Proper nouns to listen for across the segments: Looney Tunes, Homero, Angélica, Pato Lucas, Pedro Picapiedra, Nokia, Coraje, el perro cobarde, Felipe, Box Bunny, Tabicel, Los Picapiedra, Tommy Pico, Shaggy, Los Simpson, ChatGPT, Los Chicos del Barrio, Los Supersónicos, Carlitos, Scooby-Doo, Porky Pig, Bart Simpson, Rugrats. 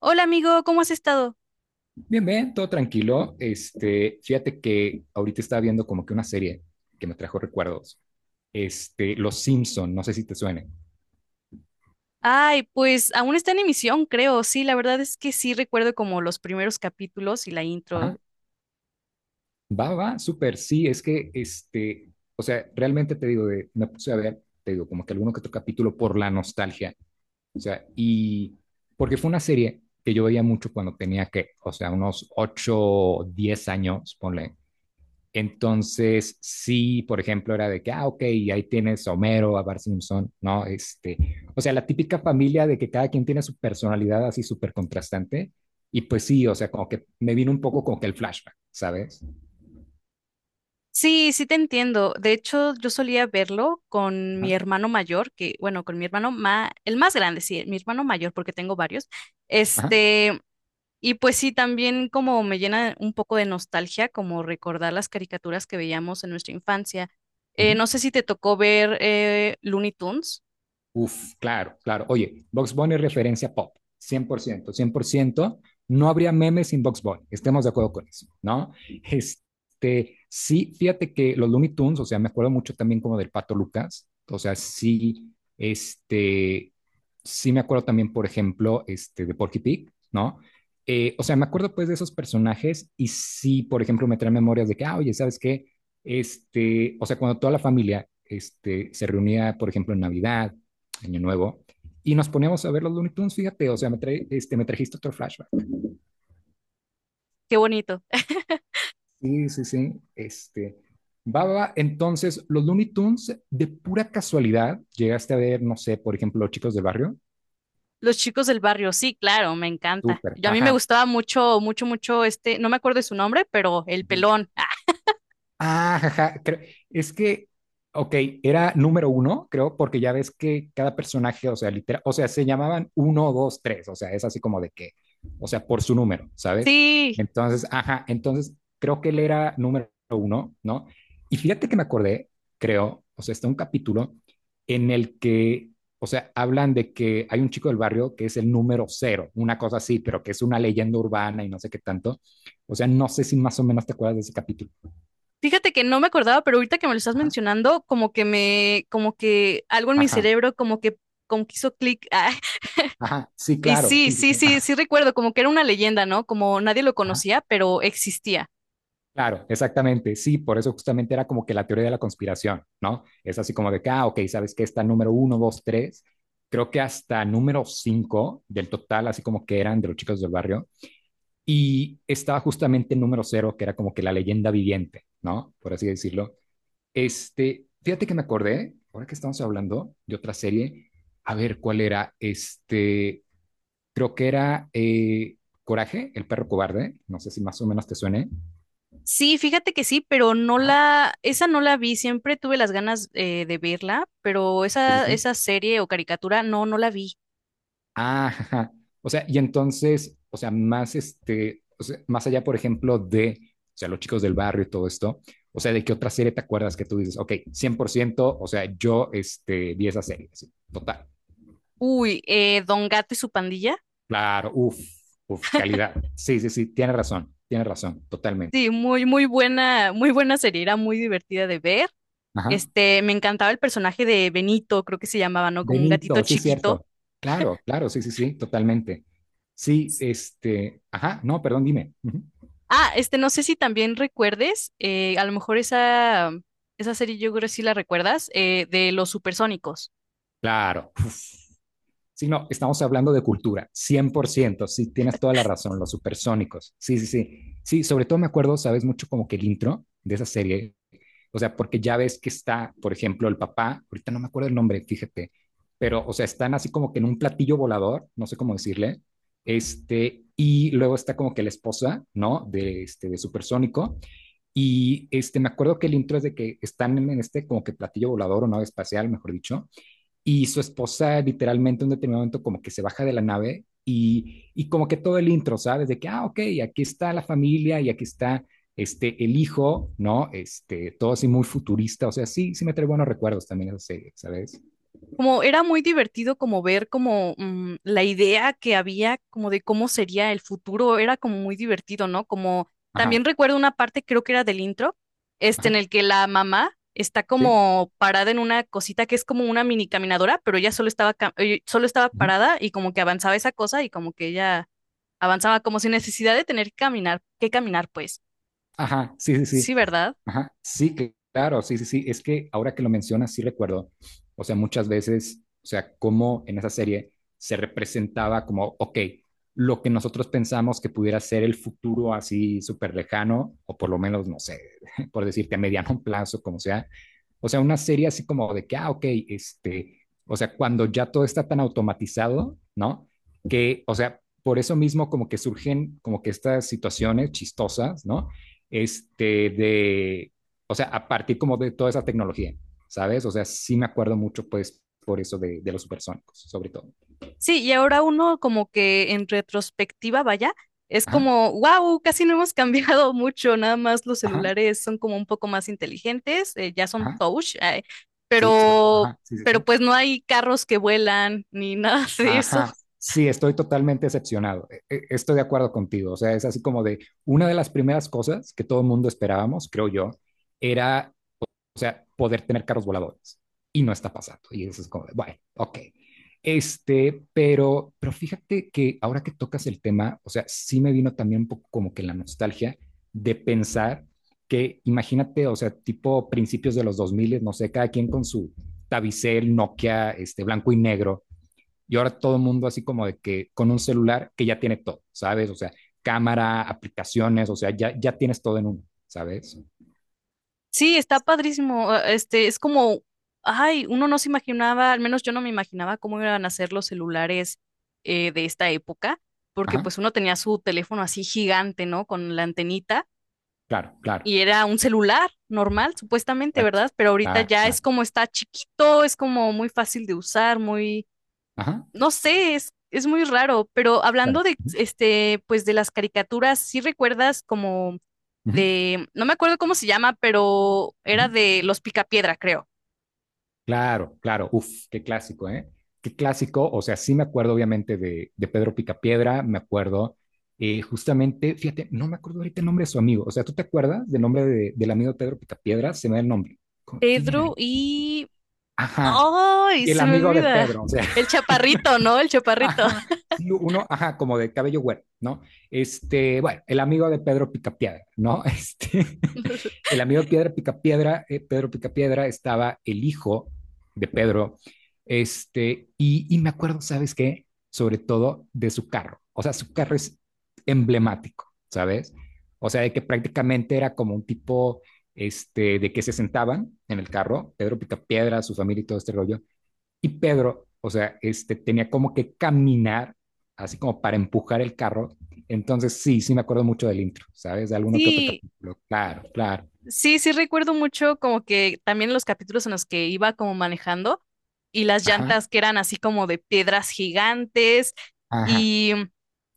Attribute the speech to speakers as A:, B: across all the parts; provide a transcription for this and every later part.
A: Hola amigo, ¿cómo has estado?
B: Bien, bien, todo tranquilo. Fíjate que ahorita estaba viendo como que una serie que me trajo recuerdos. Los Simpson, no sé si te suene.
A: Ay, pues aún está en emisión, creo. Sí, la verdad es que sí recuerdo como los primeros capítulos y la
B: Ajá.
A: intro.
B: Va, va, súper, sí, es que, o sea, realmente te digo, me puse a ver, te digo, como que alguno que otro capítulo por la nostalgia, o sea, y porque fue una serie que yo veía mucho cuando tenía que, o sea, unos 8, 10 años, ponle. Entonces, sí, por ejemplo, era de que, ah, ok, y ahí tienes a Homero, a Bart Simpson, ¿no? O sea, la típica familia de que cada quien tiene su personalidad así súper contrastante. Y pues sí, o sea, como que me vino un poco como que el flashback, ¿sabes?
A: Sí, sí te entiendo. De hecho, yo solía verlo con mi
B: Ajá,
A: hermano mayor, que, bueno, con mi hermano ma, el más grande, sí, mi hermano mayor, porque tengo varios.
B: ajá,
A: Este, y pues sí, también como me llena un poco de nostalgia, como recordar las caricaturas que veíamos en nuestra infancia. No
B: ujú.
A: sé si te tocó ver Looney Tunes.
B: Uf, claro, claro. Oye, Box Bunny es referencia pop, cien por ciento, cien por ciento. No habría memes sin Box Bunny, estemos de acuerdo con eso, ¿no? Sí, fíjate que los Looney Tunes, o sea, me acuerdo mucho también como del Pato Lucas, o sea, sí, este, sí me acuerdo también, por ejemplo, de Porky Pig, ¿no? O sea, me acuerdo pues de esos personajes y sí, por ejemplo, me trae memorias de que, ah, oye, ¿sabes qué? O sea, cuando toda la familia, se reunía, por ejemplo, en Navidad, año nuevo, y nos poníamos a ver los Looney Tunes, fíjate, o sea, me trajiste otro flashback.
A: Qué bonito.
B: Sí, sí, sí, Baba, entonces, los Looney Tunes, de pura casualidad, llegaste a ver, no sé, por ejemplo, Los Chicos del Barrio,
A: Los chicos del barrio, sí, claro, me encanta.
B: súper,
A: Yo, a mí me
B: ajá.
A: gustaba mucho, mucho, mucho no me acuerdo de su nombre, pero el pelón. Ah,
B: Ah, jaja, es que, ok, era número uno, creo, porque ya ves que cada personaje, o sea, literal, o sea, se llamaban uno, dos, tres, o sea, es así como de que, o sea, por su número, ¿sabes?
A: sí,
B: Entonces, ajá, entonces creo que él era número uno, ¿no? Y fíjate que me acordé, creo, o sea, está un capítulo en el que, o sea, hablan de que hay un chico del barrio que es el número cero, una cosa así, pero que es una leyenda urbana y no sé qué tanto. O sea, no sé si más o menos te acuerdas de ese capítulo.
A: fíjate que no me acordaba, pero ahorita que me lo estás mencionando, como que me, como que algo en mi
B: Ajá,
A: cerebro, como que hizo clic. Ah,
B: ajá, sí,
A: y
B: claro,
A: sí,
B: sí, sí,
A: sí,
B: sí,
A: sí,
B: ajá,
A: sí recuerdo, como que era una leyenda, ¿no? Como nadie lo
B: ajá,
A: conocía, pero existía.
B: claro, exactamente, sí, por eso justamente era como que la teoría de la conspiración, ¿no? Es así como de que, ah, ok, sabes que está número uno, dos, tres, creo que hasta número cinco del total, así como que eran de los chicos del barrio, y estaba justamente el número cero, que era como que la leyenda viviente, ¿no? Por así decirlo. Fíjate que me acordé, ahora que estamos hablando de otra serie, a ver cuál era, Creo que era Coraje, el perro cobarde. No sé si más o menos te suene.
A: Sí, fíjate que sí, pero no
B: Ajá.
A: la, esa no la vi, siempre tuve las ganas de verla, pero
B: Sí, sí,
A: esa,
B: sí.
A: esa serie o caricatura, no, no la vi.
B: Ah, ajá. O sea, y entonces, o sea, más o sea, más allá, por ejemplo, de, o sea, los chicos del barrio y todo esto, o sea, ¿de qué otra serie te acuerdas que tú dices, ok, 100% o sea, yo vi esa serie, sí, total.
A: Uy, Don Gato y su pandilla.
B: Claro, uff, uff, calidad. Sí, sí, sí, tienes razón, totalmente.
A: Sí, muy, muy buena serie, era muy divertida de ver.
B: Ajá.
A: Me encantaba el personaje de Benito, creo que se llamaba, ¿no? Como un gatito
B: Benito, sí,
A: chiquito.
B: cierto. Claro, claro, sí, sí, sí, totalmente. Sí, ajá, no, perdón, dime. Ujú.
A: Ah, no sé si también recuerdes, a lo mejor esa, esa serie yo creo que sí la recuerdas, de los supersónicos.
B: Claro. Uf. Sí, no, estamos hablando de cultura, 100%, sí, tienes toda la razón, los supersónicos. Sí, sí, sí. Sí, sobre todo me acuerdo, sabes, mucho como que el intro de esa serie, o sea, porque ya ves que está, por ejemplo, el papá, ahorita no me acuerdo el nombre, fíjate, pero, o sea, están así como que en un platillo volador, no sé cómo decirle, y luego está como que la esposa, ¿no? De supersónico. Y me acuerdo que el intro es de que están en este como que platillo volador o nave espacial, mejor dicho, y su esposa literalmente en un determinado momento como que se baja de la nave y como que todo el intro, ¿sabes? De que, ah, ok, aquí está la familia y aquí está el hijo, ¿no? Todo así muy futurista, o sea, sí, sí me trae buenos recuerdos también esa serie, ¿sabes?
A: Como era muy divertido como ver como la idea que había como de cómo sería el futuro, era como muy divertido, ¿no? Como
B: Ajá,
A: también recuerdo una parte, creo que era del intro, en
B: ajá,
A: el que la mamá está
B: sí.
A: como parada en una cosita que es como una mini caminadora, pero ella solo estaba solo estaba
B: Ujú.
A: parada y como que avanzaba esa cosa y como que ella avanzaba como sin necesidad de tener que caminar pues.
B: Ajá, sí, sí,
A: Sí,
B: sí.
A: ¿verdad?
B: Ajá, sí, claro, sí, sí, sí. Es que ahora que lo mencionas, sí recuerdo. O sea, muchas veces, o sea, cómo en esa serie se representaba como, ok, lo que nosotros pensamos que pudiera ser el futuro así súper lejano, o por lo menos, no sé, por decirte a mediano plazo, como sea. O sea, una serie así como de que, ah, ok, o sea, cuando ya todo está tan automatizado, ¿no? Que, o sea, por eso mismo como que surgen como que estas situaciones chistosas, ¿no? este, de, o sea, a partir como de toda esa tecnología, ¿sabes? O sea, sí me acuerdo mucho, pues, por eso de los supersónicos, sobre todo.
A: Sí, y ahora uno como que en retrospectiva, vaya, es
B: Ajá,
A: como, wow, casi no hemos cambiado mucho, nada más los
B: ajá,
A: celulares son como un poco más inteligentes, ya son
B: ajá,
A: touch,
B: sí, sobre todo,
A: pero,
B: ajá, sí, sí,
A: pero
B: sí.
A: pues no hay carros que vuelan ni nada de eso.
B: Ajá, sí, estoy totalmente decepcionado. Estoy de acuerdo contigo. O sea, es así como de una de las primeras cosas que todo el mundo esperábamos, creo yo, era o sea, poder tener carros voladores. Y no está pasando. Y eso es como, bueno, ok. Pero fíjate que ahora que tocas el tema, o sea, sí me vino también un poco como que la nostalgia de pensar que, imagínate, o sea, tipo principios de los 2000, no sé, cada quien con su Tabicel, Nokia, blanco y negro, y ahora todo el mundo así como de que con un celular que ya tiene todo, ¿sabes? O sea, cámara, aplicaciones, o sea, ya, ya tienes todo en uno, ¿sabes?
A: Sí, está padrísimo, es como, ay, uno no se imaginaba, al menos yo no me imaginaba cómo iban a ser los celulares de esta época, porque
B: Ajá,
A: pues uno tenía su teléfono así gigante, ¿no? Con la antenita
B: claro, claro.
A: y era un celular normal, supuestamente,
B: Exacto.
A: ¿verdad? Pero ahorita
B: Claro,
A: ya es
B: claro.
A: como está chiquito, es como muy fácil de usar, muy,
B: Ajá,
A: no sé, es muy raro. Pero
B: claro.
A: hablando de,
B: Ujú,
A: pues de las caricaturas, ¿sí recuerdas como
B: ujú,
A: de, no me acuerdo cómo se llama, pero
B: ujú.
A: era de Los Picapiedra, creo.
B: Claro, claro. Uf, qué clásico, ¿eh? Qué clásico. O sea, sí me acuerdo obviamente de Pedro Picapiedra, me acuerdo justamente, fíjate, no me acuerdo ahorita el nombre de su amigo. O sea, ¿tú te acuerdas del nombre del amigo de Pedro Picapiedra? Se me da el nombre. ¿Quién era?
A: Pedro y...
B: Ajá.
A: ¡Ay!
B: Y el
A: Se me
B: amigo de
A: olvida.
B: Pedro, o sea,
A: El chaparrito, ¿no? El chaparrito.
B: ajá, sí, uno, ajá, como de cabello güero, ¿no? Bueno, el amigo de Pedro Picapiedra, ¿no? Este, El amigo Piedra Picapiedra, Pedro Picapiedra, estaba el hijo de Pedro. Y me acuerdo, ¿sabes qué? Sobre todo de su carro. O sea, su carro es emblemático, ¿sabes? O sea, de que prácticamente era como un tipo de que se sentaban en el carro, Pedro Picapiedra, su familia y todo este rollo. Y Pedro, o sea, tenía como que caminar, así como para empujar el carro. Entonces, sí, sí me acuerdo mucho del intro, ¿sabes? De alguno que otro
A: Sí,
B: capítulo. Claro, claro.
A: sí, sí recuerdo mucho como que también los capítulos en los que iba como manejando y las
B: Ajá,
A: llantas que eran así como de piedras gigantes
B: ajá,
A: y,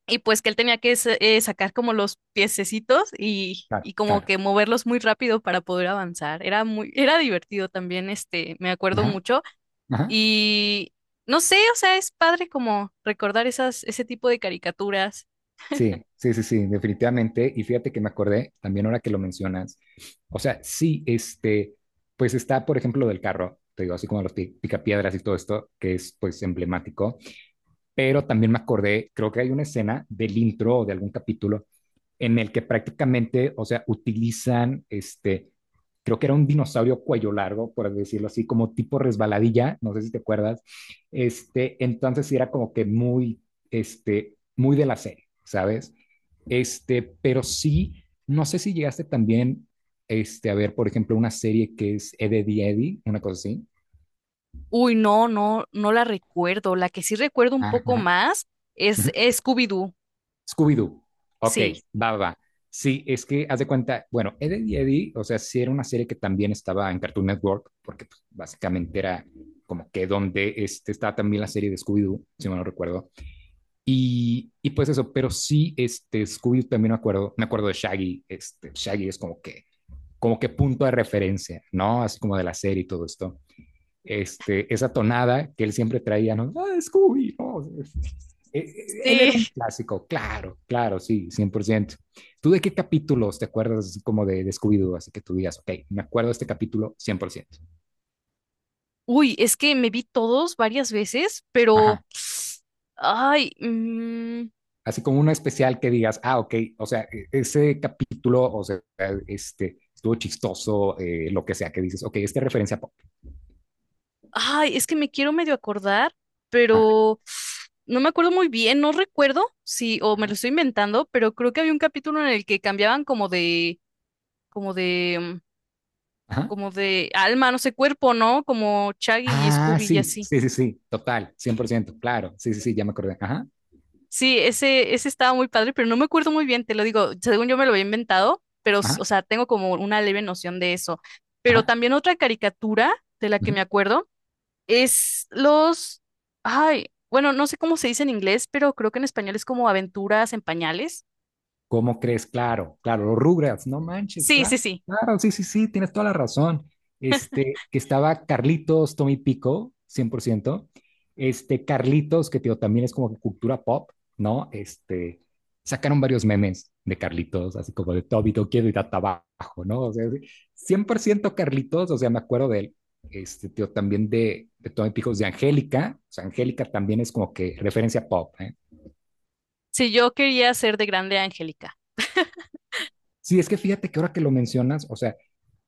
A: y pues que él tenía que sacar como los piececitos
B: claro,
A: y como
B: claro.
A: que moverlos muy rápido para poder avanzar. Era muy, era divertido también, me acuerdo
B: Ajá,
A: mucho
B: ajá.
A: y no sé, o sea, es padre como recordar esas, ese tipo de caricaturas.
B: Sí, sí, sí, sí, definitivamente. Y fíjate que me acordé también ahora que lo mencionas. O sea, sí, pues está, por ejemplo, lo del carro, te digo, así como los picapiedras y todo esto, que es pues emblemático. Pero también me acordé, creo que hay una escena del intro o de algún capítulo en el que prácticamente, o sea, utilizan creo que era un dinosaurio cuello largo, por decirlo así, como tipo resbaladilla, no sé si te acuerdas. Entonces sí era como que muy, muy de la serie, ¿sabes? Pero sí, no sé si llegaste también a ver, por ejemplo, una serie que es Eddie Eddie, una cosa así.
A: Uy, no, no, no la recuerdo. La que sí recuerdo un poco
B: Ajá.
A: más es
B: Ujú.
A: Scooby-Doo.
B: Scooby-Doo. Ok,
A: Sí,
B: va, va, va. Sí, es que haz de cuenta, bueno, Ed, Ed y Eddie, o sea, sí era una serie que también estaba en Cartoon Network, porque pues, básicamente era como que donde estaba también la serie de Scooby-Doo, si mal no recuerdo. Y pues eso, pero sí, Scooby-Doo también me acuerdo de Shaggy, Shaggy es como que punto de referencia, ¿no? Así como de la serie y todo esto esa tonada que él siempre traía, ¿no? Ah, Scooby, ¿no? Él era un
A: sí.
B: clásico, claro, claro, sí, cien por ciento. ¿Tú de qué capítulos te acuerdas como de Scooby-Doo? Así que tú digas, ok, me acuerdo de este capítulo cien por ciento.
A: Uy, es que me vi todos varias veces, pero...
B: Ajá.
A: Ay, mm,
B: Así como uno especial que digas, ah, ok, o sea, e, ese capítulo, o sea, estuvo chistoso, lo que sea, que dices, ok, esta referencia pop.
A: ay, es que me quiero medio acordar,
B: Ajá,
A: pero no me acuerdo muy bien, no recuerdo si, o me lo
B: ajá,
A: estoy inventando, pero creo que había un capítulo en el que cambiaban como de, como de,
B: ajá.
A: como de alma, no sé, cuerpo, ¿no? Como Shaggy y
B: Ah,
A: Scooby y
B: sí,
A: así.
B: sí, sí, sí, total, 100% claro, sí, sí, sí, ya me acordé. Ajá,
A: Sí, ese estaba muy padre, pero no me acuerdo muy bien, te lo digo, según yo me lo había inventado, pero, o
B: ajá,
A: sea, tengo como una leve noción de eso. Pero
B: ajá.
A: también otra caricatura de la que
B: Ajá.
A: me acuerdo es los, ay, bueno, no sé cómo se dice en inglés, pero creo que en español es como aventuras en pañales.
B: ¿Cómo crees? Claro, claro, los Rugrats, no manches,
A: Sí, sí,
B: claro,
A: sí.
B: claro, sí, sí, sí, tienes toda la razón. Que estaba Carlitos, Tommy Pico, 100%. Carlitos, que tío, también es como que cultura pop, ¿no? Sacaron varios memes de Carlitos, así como de Tobito, quiero ir a trabajo, ¿no? O sea, sí, 100% Carlitos, o sea, me acuerdo de él. Tío, también de Tommy Pico, de Angélica, o sea, Angélica también es como que referencia pop, ¿eh?
A: Sí, yo quería ser de grande Angélica.
B: Sí, es que fíjate que ahora que lo mencionas, o sea,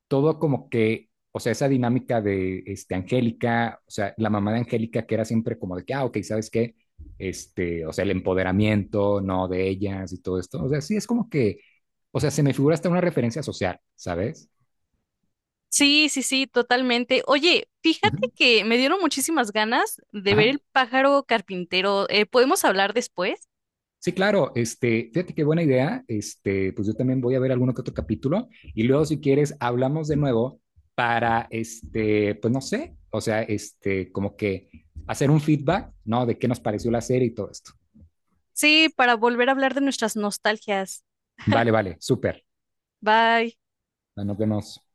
B: todo como que, o sea, esa dinámica de Angélica, o sea, la mamá de Angélica que era siempre como de que, ah, ok, ¿sabes qué? O sea, el empoderamiento, ¿no? De ellas y todo esto. O sea, sí, es como que, o sea, se me figura hasta una referencia social, ¿sabes?
A: Sí, sí, sí, totalmente. Oye, fíjate
B: Ujú.
A: que me dieron muchísimas ganas de ver
B: Ajá.
A: el pájaro carpintero. ¿Podemos hablar después?
B: Sí, claro, fíjate qué buena idea. Pues yo también voy a ver alguno que otro capítulo y luego si quieres hablamos de nuevo para pues no sé, o sea, como que hacer un feedback, ¿no? De qué nos pareció la serie y todo esto.
A: Sí, para volver a hablar de nuestras nostalgias.
B: Vale, vale, súper.
A: Bye.
B: Bueno, nos vemos.